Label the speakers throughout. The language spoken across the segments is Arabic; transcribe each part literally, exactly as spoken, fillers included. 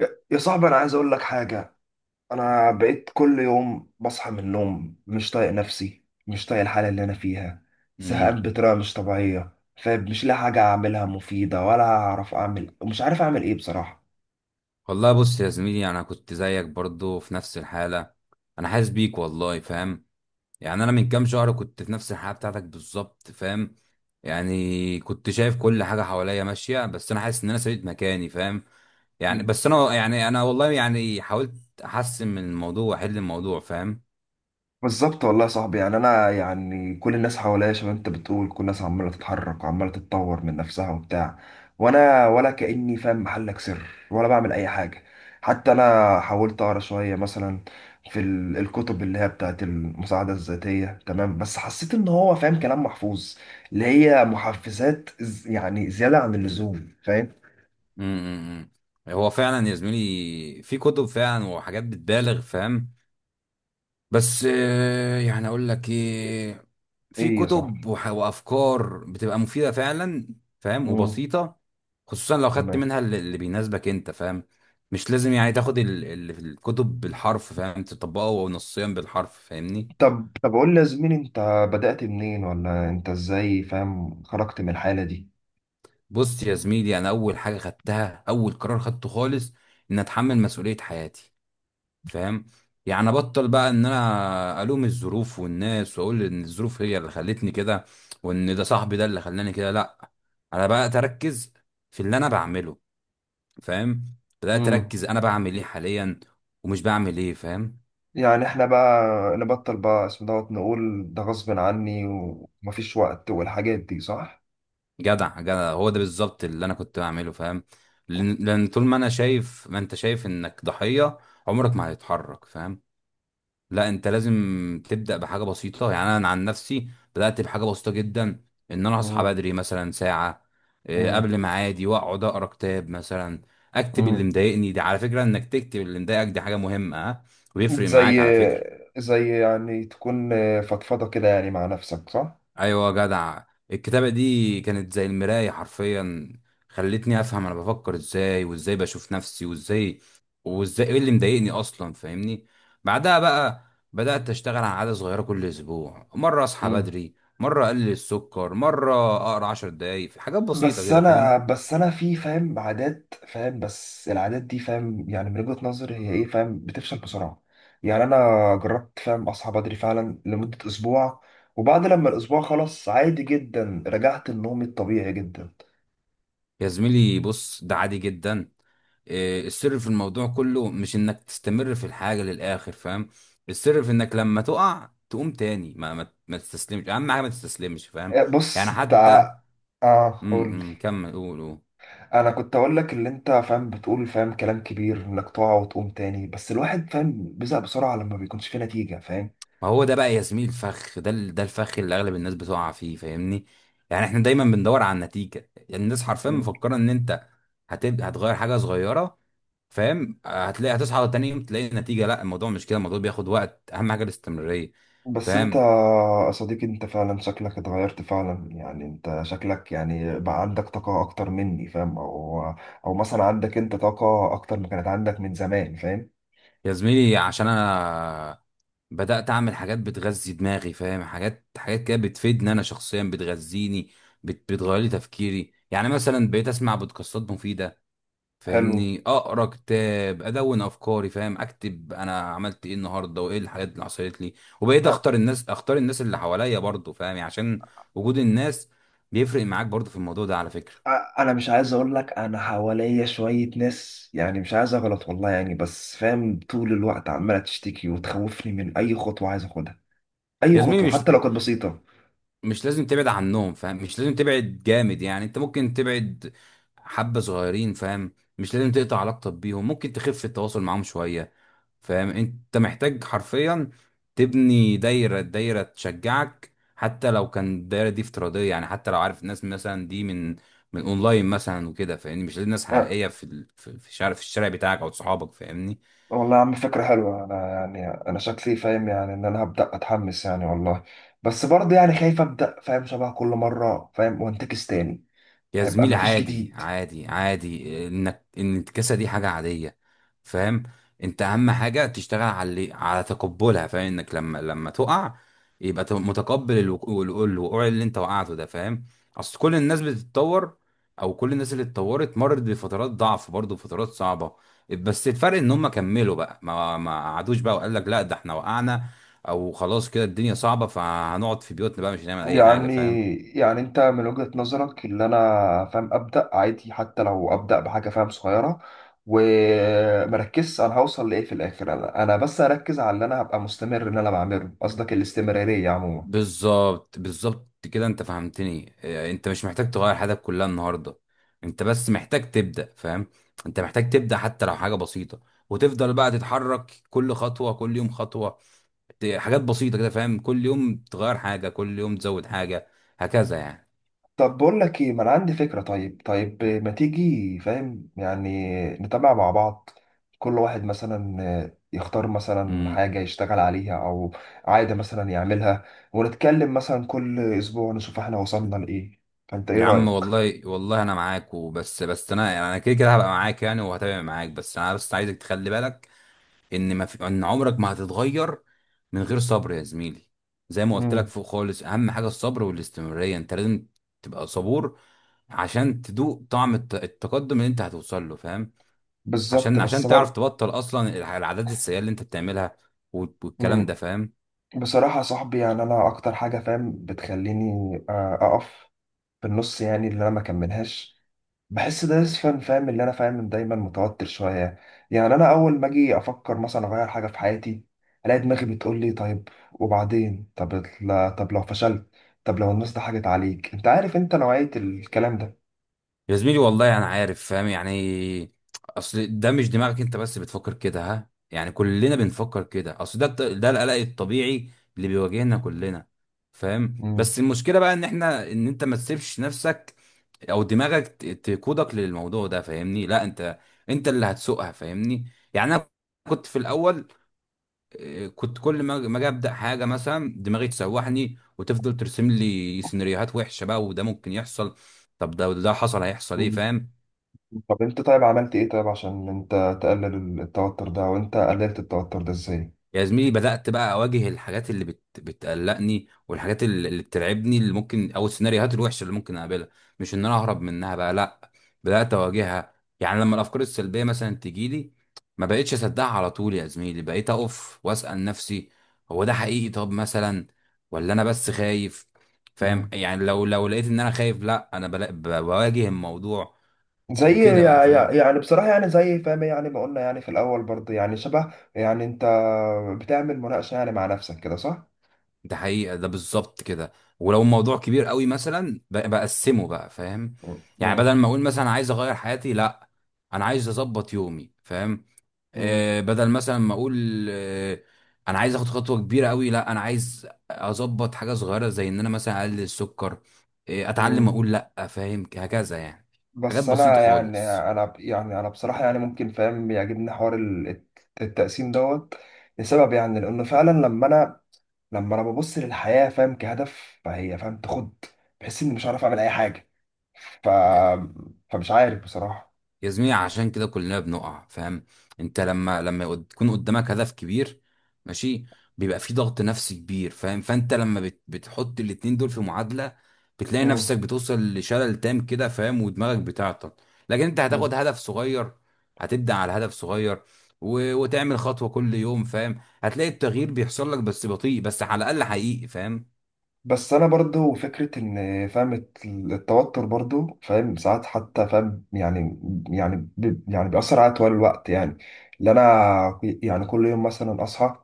Speaker 1: يا يا صاحبي، انا عايز اقول لك حاجه. انا بقيت كل يوم بصحى من النوم مش طايق نفسي، مش طايق الحاله اللي انا فيها. زهقان
Speaker 2: امم
Speaker 1: بطريقه مش طبيعيه. فمش لاقي حاجه اعملها مفيده ولا اعرف اعمل مش عارف اعمل ايه بصراحه.
Speaker 2: والله بص يا زميلي، يعني انا كنت زيك برضو في نفس الحاله. انا حاسس بيك والله فاهم. يعني انا من كام شهر كنت في نفس الحاله بتاعتك بالظبط فاهم. يعني كنت شايف كل حاجه حواليا ماشيه بس انا حاسس ان انا سبيت مكاني فاهم. يعني بس انا يعني انا والله يعني حاولت احسن من الموضوع واحل الموضوع فاهم.
Speaker 1: بالظبط والله يا صاحبي، يعني انا يعني كل الناس حواليا شباب، انت بتقول كل الناس عماله تتحرك وعماله تتطور من نفسها وبتاع. وانا ولا كاني فاهم، محلك سر، ولا بعمل اي حاجه. حتى انا حاولت اقرا شويه مثلا في ال- الكتب اللي هي بتاعت المساعده الذاتيه، تمام؟ بس حسيت ان هو فاهم كلام محفوظ، اللي هي محفزات ز- يعني زياده عن اللزوم، فاهم؟
Speaker 2: امم هو فعلا يا زميلي في كتب فعلا وحاجات بتبالغ فاهم. بس آه، يعني اقول لك ايه، في
Speaker 1: ايه يا صاحبي.
Speaker 2: كتب وح- وافكار بتبقى مفيده فعلا فاهم،
Speaker 1: امم.
Speaker 2: وبسيطه. خصوصا لو خدت
Speaker 1: تمام.
Speaker 2: منها اللي اللي بيناسبك انت فاهم. مش لازم يعني تاخد ال- اللي في الكتب بالحرف، فاهم، تطبقه نصيا بالحرف فاهمني.
Speaker 1: طب طب قول لي يا زميلي، انت بدأت منين ولا انت ازاي فاهم خرجت من الحالة دي؟
Speaker 2: بص يا زميلي، انا اول حاجه خدتها اول قرار خدته خالص ان اتحمل مسؤوليه حياتي فاهم. يعني ابطل بقى ان انا الوم الظروف والناس واقول ان الظروف هي اللي خلتني كده، وان ده صاحبي ده اللي خلاني كده. لا، انا بقى اركز في اللي انا بعمله فاهم. بدات
Speaker 1: امم.
Speaker 2: اركز انا بعمل ايه حاليا ومش بعمل ايه فاهم.
Speaker 1: يعني احنا بقى نبطل بقى اسم دوت، نقول ده غصب عني ومفيش وقت والحاجات دي، صح؟
Speaker 2: جدع جدع، هو ده بالظبط اللي انا كنت بعمله فاهم. لان لأن طول ما انا شايف ما انت شايف انك ضحية عمرك ما هتتحرك فاهم. لا انت لازم تبدا بحاجه بسيطه. يعني انا عن نفسي بدات بحاجه بسيطه جدا، ان انا اصحى
Speaker 1: امم.
Speaker 2: بدري مثلا ساعه آه،
Speaker 1: امم.
Speaker 2: قبل ميعادي، واقعد اقرا كتاب مثلا. اكتب اللي
Speaker 1: امم.
Speaker 2: مضايقني، دي على فكره، انك تكتب اللي مضايقك دي حاجه مهمه ها. ويفرق معاك
Speaker 1: زي
Speaker 2: على فكره.
Speaker 1: زي يعني تكون فضفضة كده يعني مع نفسك، صح؟
Speaker 2: ايوه يا جدع، الكتابه دي كانت زي المرايه حرفيا. خلتني افهم انا بفكر ازاي، وازاي بشوف نفسي، وازاي وازاي ايه اللي مضايقني اصلا فاهمني. بعدها بقى بدات اشتغل على عاده صغيره كل اسبوع، مره اصحى بدري، مره اقلل السكر، مره اقرا عشر دقايق، في حاجات بسيطه
Speaker 1: بس
Speaker 2: كده
Speaker 1: انا
Speaker 2: فاهم.
Speaker 1: بس انا في فاهم عادات فاهم، بس العادات دي فاهم يعني من وجهة نظري هي ايه فاهم، بتفشل بسرعة. يعني انا جربت فاهم اصحى بدري فعلا لمدة اسبوع، وبعد لما الاسبوع خلص عادي جدا رجعت لنومي الطبيعي جدا.
Speaker 2: يا زميلي بص، ده عادي جدا. إيه، السر في الموضوع كله مش انك تستمر في الحاجة للآخر فاهم. السر في انك لما تقع تقوم تاني، ما ما, ما تستسلمش، اهم حاجة ما تستسلمش فاهم.
Speaker 1: إيه، بص
Speaker 2: يعني
Speaker 1: انت
Speaker 2: حتى.
Speaker 1: ع- اه قول لي.
Speaker 2: امم كمل، قول قول.
Speaker 1: انا كنت اقول لك اللي انت فاهم بتقول فاهم كلام كبير انك تقع وتقوم تاني، بس الواحد فاهم بيزهق بسرعة لما بيكونش فيه نتيجة، فاهم؟
Speaker 2: ما هو ده بقى يا زميلي الفخ، ده ال- ده الفخ اللي اغلب الناس بتقع فيه فاهمني. يعني احنا دايما بندور على النتيجة. يعني الناس حرفيا مفكرة ان انت هتبقى هتغير حاجة صغيرة فاهم، هتلاقي هتصحى تاني يوم تلاقي نتيجة. لا الموضوع مش كده، الموضوع بياخد وقت، اهم حاجة الاستمرارية
Speaker 1: بس انت
Speaker 2: فاهم.
Speaker 1: يا صديقي، انت فعلا شكلك اتغيرت فعلا، يعني انت شكلك يعني بقى عندك طاقة اكتر مني فاهم، او او مثلا عندك انت طاقة اكتر ما كانت عندك من زمان، فاهم؟
Speaker 2: يا زميلي عشان انا بدأت اعمل حاجات بتغذي دماغي فاهم، حاجات حاجات كده بتفيدني انا شخصيا بتغذيني، بت... بتغير لي تفكيري. يعني مثلا بقيت اسمع بودكاستات مفيدة
Speaker 1: حلو.
Speaker 2: فاهمني، اقرا كتاب، ادون افكاري فاهم، اكتب انا عملت ايه النهارده وايه الحاجات اللي حصلت لي. وبقيت
Speaker 1: أ-
Speaker 2: اختار الناس اختار الناس اللي حواليا برضه فاهم. يعني عشان وجود الناس بيفرق معاك برضه في الموضوع ده على فكرة.
Speaker 1: أ- انا مش عايز اقول لك، انا حواليا شوية ناس يعني مش عايز اغلط والله يعني، بس فاهم طول الوقت عمالة تشتكي وتخوفني من اي خطوة عايز اخدها، اي
Speaker 2: يا زميلي
Speaker 1: خطوة
Speaker 2: مش
Speaker 1: حتى لو كانت بسيطة.
Speaker 2: مش لازم تبعد عنهم فاهم، مش لازم تبعد جامد، يعني انت ممكن تبعد حبة صغيرين فاهم. مش لازم تقطع علاقتك بيهم، ممكن تخف التواصل معاهم شوية فاهم. انت محتاج حرفيا تبني دايرة دايرة تشجعك، حتى لو كان الدايرة دي افتراضية. يعني حتى لو عارف الناس مثلا دي من من اونلاين مثلا وكده فاهمني. مش لازم ناس حقيقية في ال- في في الشارع، في الشارع بتاعك او صحابك فاهمني.
Speaker 1: والله يا عم فكرة حلوة، أنا يعني أنا شكلي فاهم يعني إن أنا هبدأ أتحمس يعني والله، بس برضه يعني خايف أبدأ فاهم شبه كل مرة فاهم وأنتكس تاني.
Speaker 2: يا
Speaker 1: هيبقى
Speaker 2: زميلي
Speaker 1: مفيش
Speaker 2: عادي
Speaker 1: جديد.
Speaker 2: عادي عادي، انك، ان الكسة دي حاجة عادية فاهم. انت اهم حاجة تشتغل على اللي- على تقبلها فاهم. انك لما لما تقع يبقى تبقى متقبل الوقوع الوقوع الوقوع اللي انت وقعته ده فاهم. اصل كل الناس بتتطور، او كل الناس اللي اتطورت مرت بفترات ضعف برضه، فترات صعبة. بس الفرق ان هم كملوا بقى ما ما قعدوش بقى وقال لك لا ده احنا وقعنا، او خلاص كده الدنيا صعبة فهنقعد في بيوتنا بقى مش هنعمل اي حاجة
Speaker 1: يعني
Speaker 2: فاهم.
Speaker 1: يعني أنت من وجهة نظرك اللي أنا فاهم أبدأ عادي حتى لو أبدأ بحاجة فاهم صغيرة ومركز، أنا هوصل لإيه في الآخر؟ أنا أنا بس أركز على اللي أنا هبقى مستمر إن أنا بعمله، قصدك الاستمرارية عموما.
Speaker 2: بالظبط بالظبط كده، انت فهمتني. اه، انت مش محتاج تغير حياتك كلها النهارده، انت بس محتاج تبدأ فاهم. انت محتاج تبدأ حتى لو حاجة بسيطة، وتفضل بقى تتحرك، كل خطوة، كل يوم خطوة. ت- حاجات بسيطة كده فاهم. كل يوم تغير حاجة، كل يوم تزود حاجة، هكذا يعني.
Speaker 1: طب بقول لك ايه، ما انا عندي فكرة. طيب طيب ما تيجي فاهم يعني نتابع مع بعض، كل واحد مثلا آه، يختار مثلا
Speaker 2: امم
Speaker 1: حاجة يشتغل عليها او عادة مثلا يعملها، ونتكلم مثلا كل اسبوع نشوف احنا وصلنا لايه. فانت ايه
Speaker 2: يا عم
Speaker 1: رأيك؟
Speaker 2: والله والله، انا معاك. وبس بس انا يعني انا كده كده هبقى معاك يعني، وهتابع معاك، بس انا بس عايزك تخلي بالك ان ما في ان عمرك ما هتتغير من غير صبر يا زميلي. زي ما قلت لك
Speaker 1: امم.
Speaker 2: فوق خالص، اهم حاجه الصبر والاستمراريه. انت لازم تبقى صبور عشان تدوق طعم الت- التقدم اللي انت هتوصل له فاهم.
Speaker 1: بالظبط
Speaker 2: عشان
Speaker 1: بس
Speaker 2: عشان تعرف
Speaker 1: بر...
Speaker 2: تبطل اصلا الع- العادات السيئه اللي انت بتعملها وال- والكلام ده
Speaker 1: مم.
Speaker 2: فاهم.
Speaker 1: بصراحة يا صاحبي، يعني انا اكتر حاجة فاهم بتخليني آه، اقف في النص يعني اللي انا ما كملهاش، بحس ده اسفن فاهم، اللي انا فاهم دايما متوتر شويه. يعني انا اول ما اجي افكر مثلا اغير حاجه في حياتي الاقي دماغي بتقول لي طيب وبعدين؟ طب لا، طب لو فشلت، طب لو الناس ضحكت عليك، انت عارف انت نوعيه الكلام ده.
Speaker 2: يا زميلي والله انا عارف فاهم يعني. اصل ده مش دماغك انت بس بتفكر كده ها، يعني كلنا بنفكر كده، اصل ده الط- ده القلق الطبيعي اللي بيواجهنا كلنا فاهم.
Speaker 1: مم.
Speaker 2: بس المشكله بقى ان احنا ان انت ما تسيبش نفسك او دماغك ت- تقودك للموضوع ده فاهمني. لا انت انت اللي هتسوقها فاهمني. يعني انا كنت في الاول، إيه، كنت كل ما ما اجي ابدا حاجه مثلا دماغي تسوحني وتفضل ترسم لي سيناريوهات وحشه بقى وده ممكن يحصل. طب ده ده حصل هيحصل ايه
Speaker 1: مم.
Speaker 2: فاهم.
Speaker 1: طب انت طيب عملت ايه طيب عشان انت تقلل التوتر ده، وانت قللت التوتر ده ازاي؟
Speaker 2: يا زميلي بدأت بقى أواجه الحاجات اللي بت... بتقلقني، والحاجات اللي اللي بترعبني اللي ممكن، أو السيناريوهات الوحشة اللي ممكن أقابلها، مش إن أنا أهرب منها بقى لأ. بدأت أواجهها، يعني لما الأفكار السلبية مثلا تجيلي ما بقتش أصدقها على طول يا زميلي. بقيت أقف وأسأل نفسي، هو ده حقيقي طب مثلا، ولا أنا بس خايف فاهم.
Speaker 1: مم.
Speaker 2: يعني لو لو لقيت إن أنا خايف لأ، أنا بلا... ب- بواجه الموضوع
Speaker 1: زي
Speaker 2: وكده بقى
Speaker 1: يع- يع-
Speaker 2: فاهم.
Speaker 1: يعني بصراحة يعني زي فاهم يعني ما قلنا يعني في الأول برضه يعني شبه يعني أنت بتعمل مناقشة يعني مع نفسك كده، صح؟
Speaker 2: ده حقيقة ده بالظبط كده. ولو الموضوع كبير قوي مثلا ب- بقسمه بقى فاهم. يعني
Speaker 1: مم.
Speaker 2: بدل ما اقول مثلا عايز اغير حياتي، لا انا عايز اظبط يومي فاهم.
Speaker 1: مم.
Speaker 2: آه بدل مثلا ما اقول، آه انا عايز اخد خطوة كبيرة قوي، لا انا عايز اظبط حاجة صغيرة، زي ان انا مثلا اقلل السكر، آه اتعلم
Speaker 1: مم.
Speaker 2: اقول لا فاهم، هكذا يعني. حاجات
Speaker 1: بس انا
Speaker 2: بسيطة
Speaker 1: يعني
Speaker 2: خالص.
Speaker 1: انا ب- يعني انا بصراحه يعني ممكن فاهم بيعجبني حوار ال- الت- التقسيم دوت، لسبب يعني لانه فعلا لما انا لما انا ببص للحياه فاهم كهدف فهي فاهم تاخد، بحس اني مش عارف اعمل اي حاجه. ف فمش عارف بصراحه.
Speaker 2: يا زميلي عشان كده كلنا بنقع فاهم. انت لما لما يقد- يكون قدامك هدف كبير، ماشي، بيبقى في ضغط نفسي كبير فاهم. فانت لما بت بتحط الاتنين دول في معادلة بتلاقي
Speaker 1: مم.
Speaker 2: نفسك بتوصل لشلل تام كده فاهم، ودماغك بتعطل. لكن انت
Speaker 1: مم.
Speaker 2: هتاخد هدف صغير، هتبدأ على هدف صغير و... وتعمل خطوة كل يوم فاهم، هتلاقي التغيير بيحصل لك بس بطيء، بس على الأقل حقيقي فاهم.
Speaker 1: بس انا برضو فكره ان فاهم الت- التوتر برضو فاهم ساعات حتى فاهم، يعني يعني بي- يعني بيأثر عليا طوال الوقت يعني، اللي انا يعني كل يوم مثلا اصحى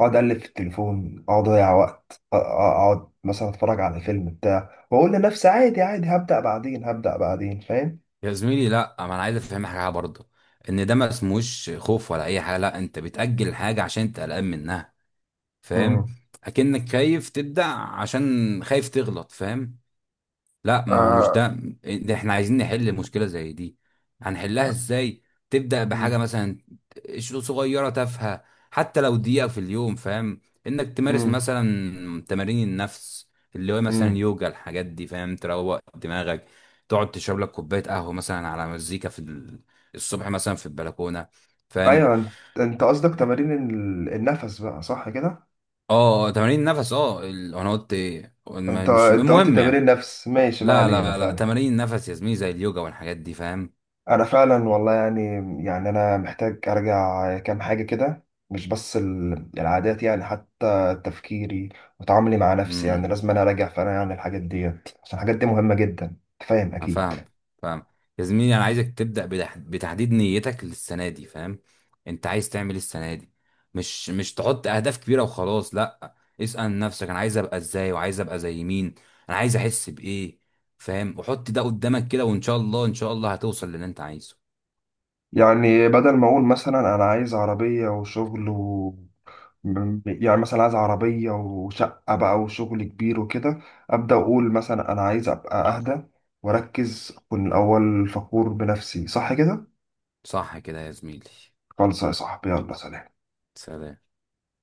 Speaker 1: اقعد اقلب في التليفون، اقعد اضيع وقت، أ- أ- اقعد مثلا اتفرج على فيلم بتاع واقول لنفسي عادي عادي هبدأ بعدين هبدأ بعدين، فاهم؟
Speaker 2: يا زميلي لا، ما انا عايز افهم حاجه برضه ان ده ما اسموش خوف ولا اي حاجه. لا، انت بتاجل حاجه عشان انت قلقان منها فاهم.
Speaker 1: امم.
Speaker 2: اكنك خايف تبدع عشان خايف تغلط فاهم. لا ما هو مش
Speaker 1: آه.
Speaker 2: ده. ده احنا عايزين نحل مشكلة زي دي، هنحلها ازاي؟ تبدأ بحاجة
Speaker 1: مم.
Speaker 2: مثلا شو- صغيرة تافهة، حتى لو دقيقة في اليوم فاهم، انك تمارس
Speaker 1: مم.
Speaker 2: مثلا تمارين النفس اللي هو مثلا
Speaker 1: مم.
Speaker 2: يوجا، الحاجات دي فاهم تروق دماغك، تقعد تشرب لك كوباية قهوة مثلا على مزيكا في ال- الصبح مثلا في البلكونة فاهم.
Speaker 1: ايوه انت، أنت قصدك تمارين ال- النفس بقى، صح كده؟
Speaker 2: اه تمارين النفس، اه ال- انا قلت ايه، ما-
Speaker 1: انت
Speaker 2: مش
Speaker 1: انت قلت
Speaker 2: المهم
Speaker 1: تمارين
Speaker 2: يعني.
Speaker 1: النفس، ماشي، ما
Speaker 2: لا
Speaker 1: علينا
Speaker 2: لا لا
Speaker 1: فعلا.
Speaker 2: تمارين النفس يا زميلي زي اليوجا والحاجات دي فاهم.
Speaker 1: انا فعلا والله يعني، يعني انا محتاج ارجع كام حاجه كده، مش بس ال- العادات يعني حتى تفكيري وتعاملي مع نفسي،
Speaker 2: إمم.
Speaker 1: يعني لازم انا اراجع فعلا يعني الحاجات ديت، عشان الحاجات دي مهمه جدا أنت فاهم
Speaker 2: انا
Speaker 1: اكيد.
Speaker 2: فاهم، فاهم. يا زميلي انا عايزك تبدا بتح- بتحديد نيتك للسنه دي فاهم. انت عايز تعمل إيه السنه دي؟ مش مش تحط اهداف كبيره وخلاص لا. اسال نفسك انا عايز ابقى ازاي، وعايز ابقى زي مين، انا عايز احس بايه فاهم، وحط ده قدامك كده، وان شاء الله ان شاء الله هتوصل للي انت عايزه.
Speaker 1: يعني بدل ما اقول مثلا انا عايز عربيه وشغل و... م- يعني مثلا عايز عربيه وشقه بقى وشغل كبير وكده، ابدا اقول مثلا انا عايز ابقى اهدى واركز، اكون الاول فخور بنفسي، صح كده؟
Speaker 2: صح كده يا زميلي،
Speaker 1: خلص يا صاحبي، يلا سلام.
Speaker 2: سلام.